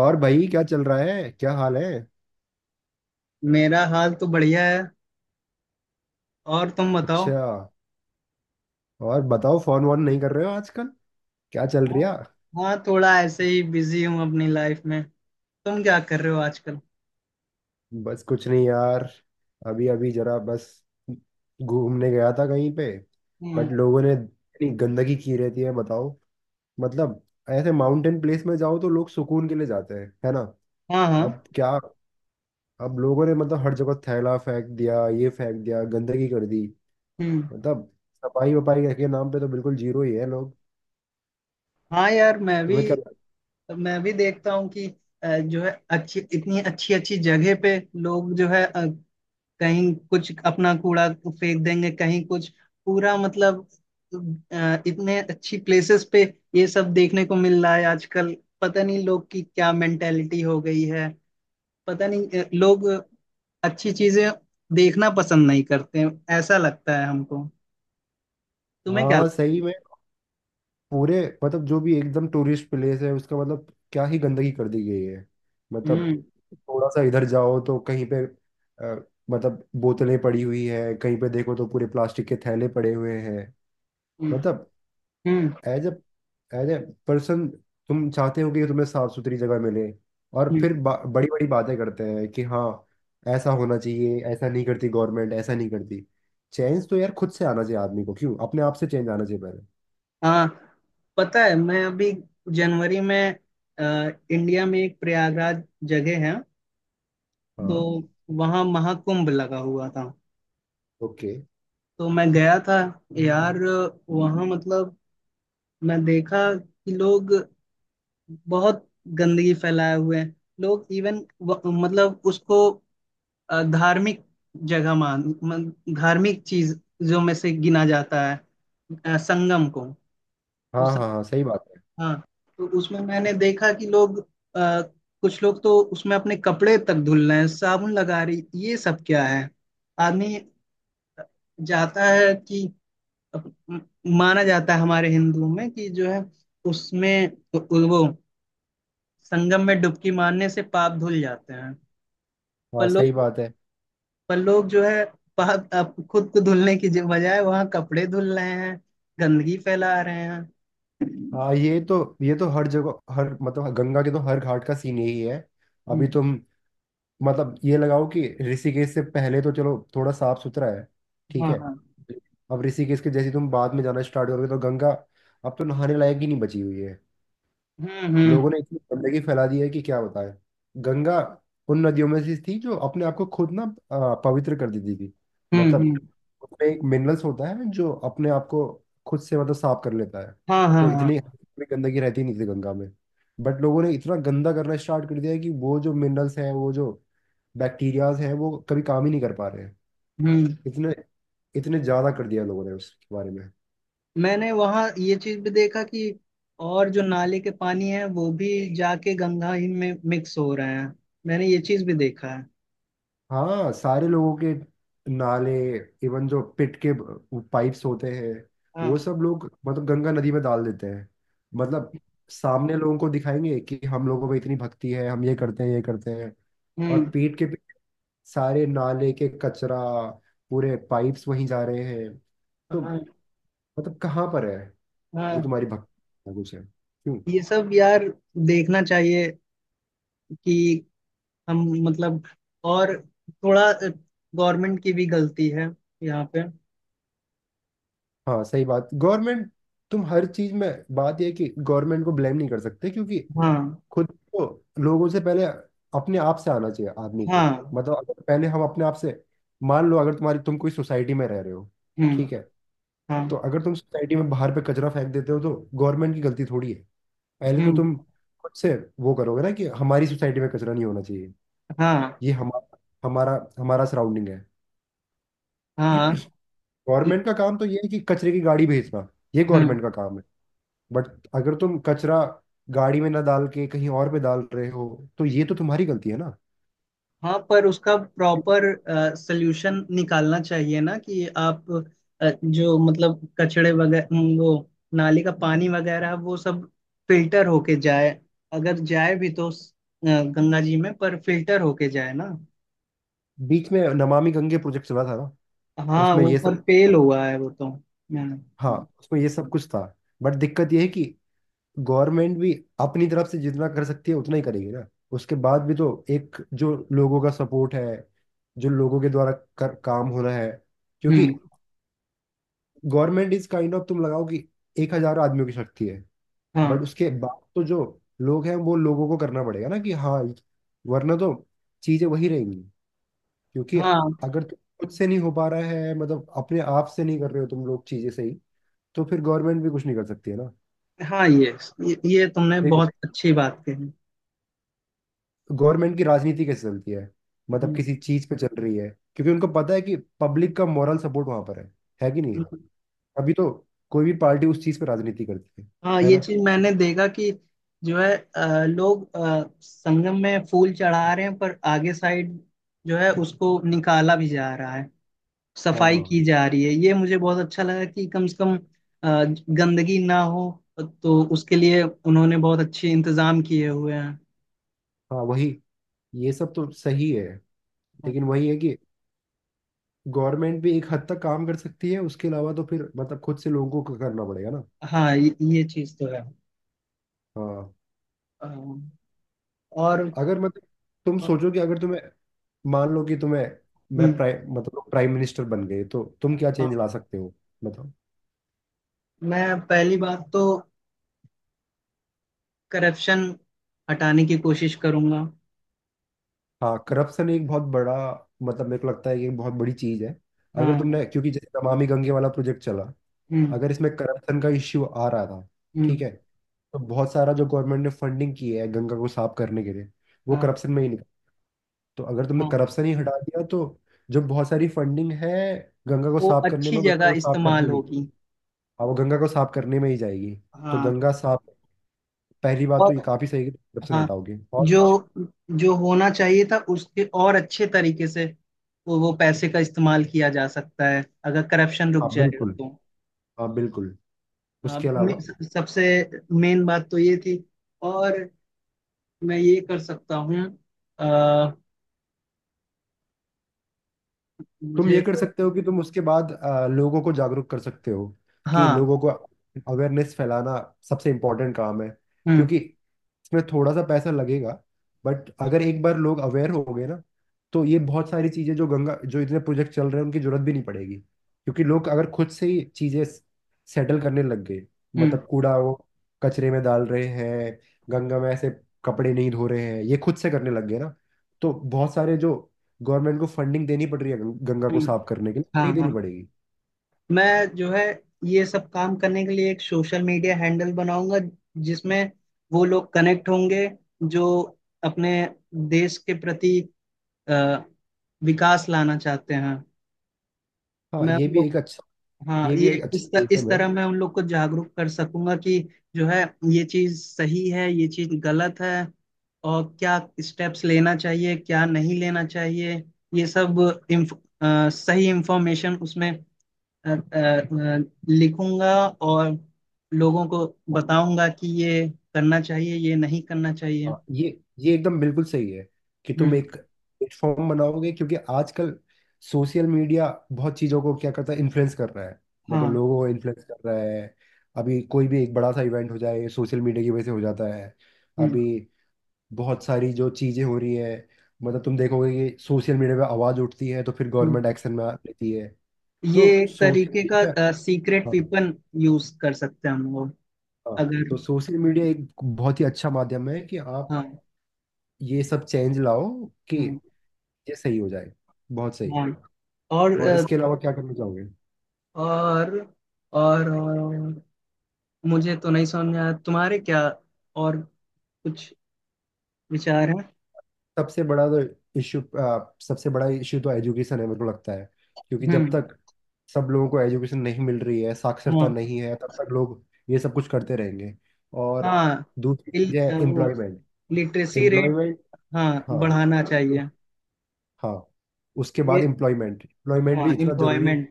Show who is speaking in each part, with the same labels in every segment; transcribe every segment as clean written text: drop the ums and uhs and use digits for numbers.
Speaker 1: और भाई, क्या चल रहा है? क्या हाल है?
Speaker 2: मेरा हाल तो बढ़िया है। और तुम बताओ।
Speaker 1: अच्छा। और बताओ, फोन वोन नहीं कर रहे हो आजकल? क्या चल
Speaker 2: हाँ।
Speaker 1: रहा?
Speaker 2: हाँ, थोड़ा ऐसे ही बिजी हूँ अपनी लाइफ में। तुम क्या कर रहे हो आजकल?
Speaker 1: बस कुछ नहीं यार। अभी अभी जरा बस घूमने गया था कहीं पे।
Speaker 2: हम्म।
Speaker 1: बट लोगों ने इतनी गंदगी की रहती है, बताओ। मतलब, ऐसे माउंटेन प्लेस में जाओ तो लोग सुकून के लिए जाते हैं, है ना।
Speaker 2: हाँ, हाँ।
Speaker 1: अब क्या, अब लोगों ने मतलब हर जगह थैला फेंक दिया, ये फेंक दिया, गंदगी कर दी।
Speaker 2: हम्म।
Speaker 1: मतलब, सफाई वफाई के नाम पे तो बिल्कुल जीरो ही है लोग।
Speaker 2: हाँ यार, मैं भी
Speaker 1: तुम्हें क्या।
Speaker 2: मैं भी देखता हूँ कि जो है अच्छी, इतनी अच्छी अच्छी जगह पे लोग जो है, कहीं कुछ अपना कूड़ा फेंक देंगे, कहीं कुछ पूरा, मतलब इतने अच्छी प्लेसेस पे ये सब देखने को मिल रहा है आजकल। पता नहीं लोग की क्या मेंटेलिटी हो गई है। पता नहीं, लोग अच्छी चीजें देखना पसंद नहीं करते हैं, ऐसा लगता है हमको। तुम्हें क्या
Speaker 1: हाँ,
Speaker 2: लगता
Speaker 1: सही
Speaker 2: है?
Speaker 1: में। पूरे मतलब, जो भी एकदम टूरिस्ट प्लेस है उसका, मतलब क्या ही गंदगी कर दी गई है। मतलब,
Speaker 2: हम्म।
Speaker 1: थोड़ा सा इधर जाओ तो कहीं पे मतलब बोतलें पड़ी हुई है, कहीं पे देखो तो पूरे प्लास्टिक के थैले पड़े हुए हैं।
Speaker 2: हम्म।
Speaker 1: मतलब,
Speaker 2: हम्म।
Speaker 1: As a as a person, तुम चाहते हो कि तुम्हें साफ सुथरी जगह मिले। और
Speaker 2: हम्म।
Speaker 1: फिर बड़ी बड़ी बातें करते हैं कि हाँ, ऐसा होना चाहिए, ऐसा नहीं करती गवर्नमेंट, ऐसा नहीं करती। चेंज तो यार खुद से आना चाहिए आदमी को, क्यों, अपने आप से चेंज आना चाहिए पहले।
Speaker 2: हाँ, पता है मैं अभी जनवरी में, इंडिया में एक प्रयागराज जगह है,
Speaker 1: हाँ।
Speaker 2: तो वहाँ महाकुंभ लगा हुआ था।
Speaker 1: ओके।
Speaker 2: तो मैं गया था यार। वहाँ मतलब मैं देखा कि लोग बहुत गंदगी फैलाए हुए हैं। लोग इवन मतलब उसको धार्मिक जगह धार्मिक चीजों में से गिना जाता है, संगम को। वो
Speaker 1: हाँ, हाँ,
Speaker 2: संग,
Speaker 1: हाँ, सही बात है।
Speaker 2: हाँ। तो उसमें मैंने देखा कि लोग अ, कुछ लोग तो उसमें अपने कपड़े तक धुल रहे हैं, साबुन लगा रही, ये सब क्या है? आदमी जाता है कि अप- म- माना जाता है हमारे हिंदुओं में कि जो है, उसमें वो संगम में डुबकी मारने से पाप धुल जाते हैं। पर
Speaker 1: हाँ, सही
Speaker 2: लोग
Speaker 1: बात है।
Speaker 2: पर लोग जो है, बाहर अब खुद को धुलने की बजाय वहां कपड़े धुल रहे हैं, गंदगी फैला रहे हैं।
Speaker 1: हाँ, ये तो, ये तो हर जगह, हर मतलब हाँ, गंगा के तो हर घाट का सीन यही है। अभी
Speaker 2: हम्म।
Speaker 1: तुम, मतलब ये लगाओ कि ऋषिकेश से पहले तो चलो थोड़ा साफ सुथरा है, ठीक
Speaker 2: हाँ,
Speaker 1: है।
Speaker 2: हाँ।
Speaker 1: अब ऋषिकेश के जैसे तुम बाद में जाना स्टार्ट करोगे तो गंगा अब तो नहाने लायक ही नहीं बची हुई है।
Speaker 2: हम्म। हम्म।
Speaker 1: लोगों ने इतनी गंदगी फैला दी है कि क्या बताएं। गंगा उन नदियों में से थी जो अपने आप को खुद ना पवित्र कर देती थी।
Speaker 2: हम्म।
Speaker 1: मतलब
Speaker 2: हम्म।
Speaker 1: उसमें एक मिनरल्स होता है जो अपने आप को खुद से मतलब साफ कर लेता है।
Speaker 2: हाँ, हाँ,
Speaker 1: तो इतनी
Speaker 2: हाँ।
Speaker 1: इतनी गंदगी रहती नहीं थी गंगा में। बट लोगों ने इतना गंदा करना स्टार्ट कर दिया है कि वो जो मिनरल्स हैं, वो जो बैक्टीरियाज हैं, वो कभी काम ही नहीं कर पा रहे हैं।
Speaker 2: हम्म।
Speaker 1: इतने इतने ज्यादा कर दिया लोगों ने उसके बारे में।
Speaker 2: मैंने वहाँ ये चीज भी देखा कि और जो नाले के पानी है वो भी जाके गंगा ही में मिक्स हो रहे हैं। मैंने ये चीज भी देखा है।
Speaker 1: हाँ, सारे लोगों के नाले, इवन जो पिट के पाइप्स होते हैं, वो
Speaker 2: हाँ।
Speaker 1: सब लोग मतलब गंगा नदी में डाल देते हैं। मतलब, सामने लोगों को दिखाएंगे कि हम लोगों में इतनी भक्ति है, हम ये करते हैं, ये करते हैं, और
Speaker 2: हम्म।
Speaker 1: पीठ के पीछे सारे नाले के कचरा, पूरे पाइप्स वहीं जा रहे हैं। तो
Speaker 2: हाँ,
Speaker 1: मतलब कहाँ पर है जो
Speaker 2: हाँ।
Speaker 1: तुम्हारी भक्ति है, कुछ है क्यों।
Speaker 2: ये सब यार देखना चाहिए कि हम मतलब, और थोड़ा गवर्नमेंट की भी गलती है यहाँ पे।
Speaker 1: हाँ, सही बात। गवर्नमेंट, तुम हर चीज में, बात यह है कि गवर्नमेंट को ब्लेम नहीं कर सकते, क्योंकि
Speaker 2: हाँ।
Speaker 1: खुद को लोगों से पहले, अपने आप से आना चाहिए आदमी को।
Speaker 2: हाँ।
Speaker 1: मतलब अगर पहले हम अपने आप से, मान लो अगर तुम कोई सोसाइटी में रह रहे हो,
Speaker 2: हम्म।
Speaker 1: ठीक है। तो
Speaker 2: हाँ।
Speaker 1: अगर तुम सोसाइटी में बाहर पे कचरा फेंक देते हो तो गवर्नमेंट की गलती थोड़ी है। पहले तो
Speaker 2: हम्म।
Speaker 1: तुम खुद से वो करोगे ना कि हमारी सोसाइटी में कचरा नहीं होना चाहिए।
Speaker 2: हाँ,
Speaker 1: ये हमारा हमारा हमारा सराउंडिंग है।
Speaker 2: हाँ।
Speaker 1: गवर्नमेंट का काम तो ये है कि कचरे की गाड़ी भेजना, ये
Speaker 2: हम्म।
Speaker 1: गवर्नमेंट का काम है। बट अगर तुम कचरा गाड़ी में ना डाल के कहीं और पे डाल रहे हो, तो ये तो तुम्हारी गलती है ना।
Speaker 2: हाँ, पर उसका प्रॉपर सल्यूशन निकालना चाहिए, ना कि आप जो मतलब कचड़े वगैरह, वो नाली का पानी वगैरह वो सब फिल्टर होके जाए। अगर जाए भी तो गंगा जी में पर फिल्टर होके जाए ना।
Speaker 1: बीच में नमामि गंगे प्रोजेक्ट चला था ना,
Speaker 2: हाँ,
Speaker 1: उसमें
Speaker 2: वो
Speaker 1: ये
Speaker 2: पर
Speaker 1: सब।
Speaker 2: फेल हुआ है वो तो। हम्म।
Speaker 1: हाँ,
Speaker 2: हम्म।
Speaker 1: उसमें ये सब कुछ था। बट दिक्कत ये है कि गवर्नमेंट भी अपनी तरफ से जितना कर सकती है उतना ही करेगी ना। उसके बाद भी तो एक जो लोगों का सपोर्ट है, जो लोगों के द्वारा काम हो रहा है, क्योंकि
Speaker 2: हुँ।
Speaker 1: गवर्नमेंट इज काइंड ऑफ, तुम लगाओ कि 1,000 आदमियों की शक्ति है।
Speaker 2: हाँ,
Speaker 1: बट उसके बाद तो जो लोग हैं वो लोगों को करना पड़ेगा ना कि हाँ, वरना तो चीजें वही रहेंगी, क्योंकि
Speaker 2: हाँ,
Speaker 1: अगर तुम खुद से नहीं हो पा रहा है, मतलब अपने आप से नहीं कर रहे हो तुम लोग चीजें सही, तो फिर गवर्नमेंट भी कुछ नहीं कर सकती है ना।
Speaker 2: हाँ, ये तुमने
Speaker 1: देखो,
Speaker 2: बहुत अच्छी बात कही।
Speaker 1: गवर्नमेंट की राजनीति कैसे चलती है, मतलब
Speaker 2: हुँ।
Speaker 1: किसी चीज पे चल रही है, क्योंकि उनको पता है कि पब्लिक का मॉरल सपोर्ट वहां पर है कि नहीं है। अभी तो कोई भी पार्टी उस चीज पे राजनीति करती है
Speaker 2: हाँ,
Speaker 1: है
Speaker 2: ये
Speaker 1: ना।
Speaker 2: चीज़ मैंने देखा कि जो है लोग संगम में फूल चढ़ा रहे हैं, पर आगे साइड जो है उसको निकाला भी जा रहा है,
Speaker 1: हाँ,
Speaker 2: सफाई
Speaker 1: हाँ, हाँ,
Speaker 2: की जा रही है। ये मुझे बहुत अच्छा लगा कि कम से कम गंदगी ना हो, तो उसके लिए उन्होंने बहुत अच्छे इंतजाम किए हुए हैं।
Speaker 1: हाँ, वही। ये सब तो सही है, लेकिन वही है कि गवर्नमेंट भी एक हद तक काम कर सकती है, उसके अलावा तो फिर मतलब खुद से लोगों को करना पड़ेगा ना।
Speaker 2: हाँ, ये चीज़ तो है।
Speaker 1: हाँ।
Speaker 2: अ, और
Speaker 1: अगर मतलब तुम सोचो कि अगर तुम्हें, मान लो कि तुम्हें,
Speaker 2: हुँ।
Speaker 1: मैं प्राइम, मतलब प्राइम मिनिस्टर बन गए तो तुम क्या चेंज ला सकते हो। मतलब।
Speaker 2: मैं पहली बात तो करप्शन हटाने की कोशिश करूंगा।
Speaker 1: हाँ, करप्शन एक बहुत बड़ा, मतलब मेरे को लगता है कि एक बहुत बड़ी चीज है। अगर
Speaker 2: हाँ।
Speaker 1: तुमने, क्योंकि जैसे नमामि गंगे वाला प्रोजेक्ट चला,
Speaker 2: हम्म।
Speaker 1: अगर इसमें करप्शन का इश्यू आ रहा था, ठीक
Speaker 2: हम्म।
Speaker 1: है। तो बहुत सारा जो गवर्नमेंट ने फंडिंग की है गंगा को साफ करने के लिए, वो
Speaker 2: हाँ,
Speaker 1: करप्शन में ही निकल। तो अगर तुमने
Speaker 2: हाँ।
Speaker 1: करप्शन ही हटा दिया तो जो बहुत सारी फंडिंग है गंगा को
Speaker 2: वो
Speaker 1: साफ करने
Speaker 2: अच्छी
Speaker 1: में, गंगा
Speaker 2: जगह
Speaker 1: को साफ करने
Speaker 2: इस्तेमाल
Speaker 1: में,
Speaker 2: होगी।
Speaker 1: हाँ, वो गंगा को साफ करने में ही जाएगी। तो
Speaker 2: हाँ।
Speaker 1: गंगा साफ। पहली बात तो ये
Speaker 2: और
Speaker 1: काफी सही है कि corruption
Speaker 2: हाँ,
Speaker 1: हटाओगे, और
Speaker 2: जो
Speaker 1: कुछ।
Speaker 2: जो होना चाहिए था उसके और अच्छे तरीके से, वो पैसे का इस्तेमाल किया जा सकता है अगर करप्शन रुक
Speaker 1: हाँ,
Speaker 2: जाएगा
Speaker 1: बिल्कुल।
Speaker 2: तो।
Speaker 1: हाँ, बिल्कुल।
Speaker 2: हाँ,
Speaker 1: उसके अलावा,
Speaker 2: सबसे मेन बात तो ये थी। और मैं ये कर सकता हूँ, अ,
Speaker 1: तुम
Speaker 2: मुझे
Speaker 1: ये कर
Speaker 2: तो।
Speaker 1: सकते हो कि तुम उसके बाद लोगों को जागरूक कर सकते हो, कि
Speaker 2: हाँ।
Speaker 1: लोगों को अवेयरनेस फैलाना सबसे इम्पोर्टेंट काम है,
Speaker 2: हम्म।
Speaker 1: क्योंकि इसमें थोड़ा सा पैसा लगेगा। बट अगर एक बार लोग अवेयर हो गए ना, तो ये बहुत सारी चीज़ें जो गंगा, जो इतने प्रोजेक्ट चल रहे हैं उनकी जरूरत भी नहीं पड़ेगी, क्योंकि लोग अगर खुद से ही चीज़ें सेटल करने लग गए,
Speaker 2: हम्म।
Speaker 1: मतलब कूड़ा वो कचरे में डाल रहे हैं, गंगा में ऐसे कपड़े नहीं धो रहे हैं, ये खुद से करने लग गए ना, तो बहुत सारे जो गवर्नमेंट को फंडिंग देनी पड़ रही है गंगा को
Speaker 2: हम्म।
Speaker 1: साफ करने के लिए,
Speaker 2: हाँ,
Speaker 1: नहीं देनी
Speaker 2: हाँ।
Speaker 1: पड़ेगी।
Speaker 2: मैं जो है, ये सब काम करने के लिए एक सोशल मीडिया हैंडल बनाऊंगा, जिसमें वो लोग कनेक्ट होंगे जो अपने देश के प्रति अ, विकास लाना चाहते हैं।
Speaker 1: हाँ,
Speaker 2: मैं
Speaker 1: ये
Speaker 2: उन
Speaker 1: भी
Speaker 2: लोग
Speaker 1: एक अच्छा,
Speaker 2: हाँ,
Speaker 1: ये भी एक अच्छा
Speaker 2: इस
Speaker 1: मीडियम है।
Speaker 2: तरह मैं उन लोग को जागरूक कर सकूंगा कि जो है ये चीज सही है ये चीज गलत है। और क्या स्टेप्स लेना चाहिए क्या नहीं लेना चाहिए, ये सब इन्फ, सही इंफॉर्मेशन उसमें अ, अ, अ, लिखूंगा और लोगों को बताऊंगा कि ये करना चाहिए ये नहीं करना चाहिए।
Speaker 1: हाँ, ये एकदम बिल्कुल सही है कि तुम
Speaker 2: हम्म।
Speaker 1: एक प्लेटफॉर्म बनाओगे, क्योंकि आजकल सोशल मीडिया बहुत चीज़ों को क्या करता है, इन्फ्लुएंस कर रहा है, मतलब
Speaker 2: हाँ।
Speaker 1: लोगों को इन्फ्लुएंस कर रहा है। अभी कोई भी एक बड़ा सा इवेंट हो जाए, सोशल मीडिया की वजह से हो जाता है।
Speaker 2: हम्म।
Speaker 1: अभी बहुत सारी जो चीज़ें हो रही है, मतलब तुम देखोगे कि सोशल मीडिया पे आवाज़ उठती है तो फिर
Speaker 2: हम्म।
Speaker 1: गवर्नमेंट एक्शन में लेती है।
Speaker 2: ये
Speaker 1: तो
Speaker 2: एक
Speaker 1: सोशल
Speaker 2: तरीके
Speaker 1: मीडिया,
Speaker 2: का सीक्रेट वेपन यूज कर सकते हैं हम लोग,
Speaker 1: हाँ,
Speaker 2: अगर।
Speaker 1: तो सोशल मीडिया एक बहुत ही अच्छा माध्यम है कि आप
Speaker 2: हाँ।
Speaker 1: ये सब चेंज लाओ, कि
Speaker 2: हम्म।
Speaker 1: ये सही हो जाए। बहुत सही।
Speaker 2: हाँ। और
Speaker 1: और
Speaker 2: अ,
Speaker 1: इसके अलावा क्या करना चाहोगे?
Speaker 2: और और मुझे तो नहीं समझ में आया, तुम्हारे क्या और कुछ विचार हैं?
Speaker 1: सबसे बड़ा तो इश्यू, सबसे बड़ा इश्यू तो एजुकेशन है मेरे को लगता है, क्योंकि जब
Speaker 2: हम्म।
Speaker 1: तक सब लोगों को एजुकेशन नहीं मिल रही है, साक्षरता
Speaker 2: हाँ,
Speaker 1: नहीं है, तब तक लोग ये सब कुछ करते रहेंगे। और
Speaker 2: हाँ।
Speaker 1: दूसरी चीज है
Speaker 2: वो
Speaker 1: एम्प्लॉयमेंट।
Speaker 2: Literacy rate
Speaker 1: employment.
Speaker 2: हाँ
Speaker 1: हाँ,
Speaker 2: बढ़ाना चाहिए।
Speaker 1: हाँ, उसके
Speaker 2: ये,
Speaker 1: बाद एम्प्लॉयमेंट, एम्प्लॉयमेंट
Speaker 2: हाँ,
Speaker 1: भी इतना जरूरी है,
Speaker 2: एम्प्लॉयमेंट,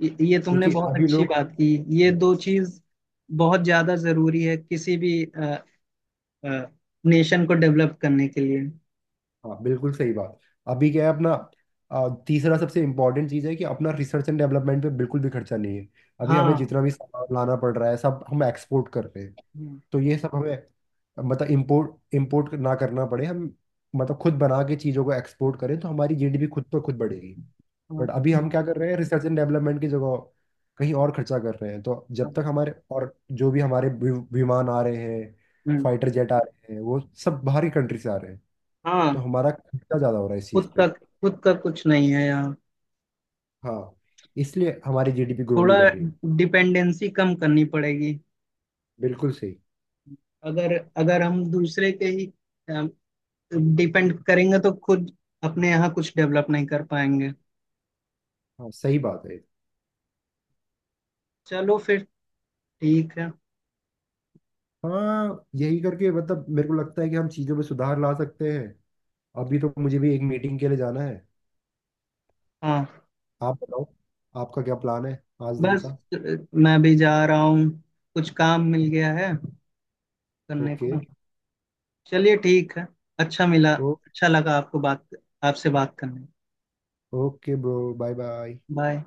Speaker 2: ये तुमने
Speaker 1: क्योंकि
Speaker 2: बहुत
Speaker 1: अभी
Speaker 2: अच्छी
Speaker 1: लोग।
Speaker 2: बात की। ये दो चीज बहुत ज्यादा जरूरी है किसी भी नेशन को डेवलप करने के लिए।
Speaker 1: हाँ, बिल्कुल सही बात। अभी क्या है अपना, तीसरा सबसे इम्पोर्टेंट चीज़ है कि अपना रिसर्च एंड डेवलपमेंट पे बिल्कुल भी खर्चा नहीं है। अभी हमें
Speaker 2: हाँ।
Speaker 1: जितना भी सामान लाना पड़ रहा है सब हम एक्सपोर्ट कर रहे हैं।
Speaker 2: हम्म।
Speaker 1: तो ये सब हमें, मतलब इम्पोर्ट इम्पोर्ट ना करना पड़े, हम मतलब खुद बना के चीज़ों को एक्सपोर्ट करें, तो हमारी जीडीपी खुद पर खुद बढ़ेगी।
Speaker 2: हाँ।
Speaker 1: बट अभी हम क्या कर रहे हैं, रिसर्च एंड डेवलपमेंट की जगह कहीं और खर्चा कर रहे हैं। तो जब तक हमारे, और जो भी हमारे विमान आ रहे हैं,
Speaker 2: हम्म।
Speaker 1: फाइटर जेट आ रहे हैं, वो सब बाहरी कंट्री से आ रहे हैं, तो
Speaker 2: हाँ,
Speaker 1: हमारा खर्चा ज्यादा हो रहा है इस चीज पे।
Speaker 2: खुद का कुछ नहीं है यार।
Speaker 1: हाँ, इसलिए हमारी जीडीपी ग्रो
Speaker 2: थोड़ा
Speaker 1: नहीं कर रही है।
Speaker 2: डिपेंडेंसी कम करनी पड़ेगी।
Speaker 1: बिल्कुल सही।
Speaker 2: अगर अगर हम दूसरे के ही डिपेंड करेंगे तो खुद अपने यहाँ कुछ डेवलप नहीं कर पाएंगे।
Speaker 1: हाँ, सही बात है।
Speaker 2: चलो फिर, ठीक है।
Speaker 1: हाँ, यही करके, मतलब मेरे को लगता है कि हम चीजों में सुधार ला सकते हैं। अभी तो मुझे भी एक मीटिंग के लिए जाना है।
Speaker 2: हाँ,
Speaker 1: आप बताओ, आपका क्या प्लान है आज दिन
Speaker 2: बस
Speaker 1: का?
Speaker 2: अ, मैं भी जा रहा हूँ, कुछ काम मिल गया है करने
Speaker 1: ओके।
Speaker 2: को। चलिए ठीक है। अच्छा मिला,
Speaker 1: ओ,
Speaker 2: अच्छा लगा आपको बात, आपसे बात करने।
Speaker 1: Okay bro, bye bye.
Speaker 2: Bye.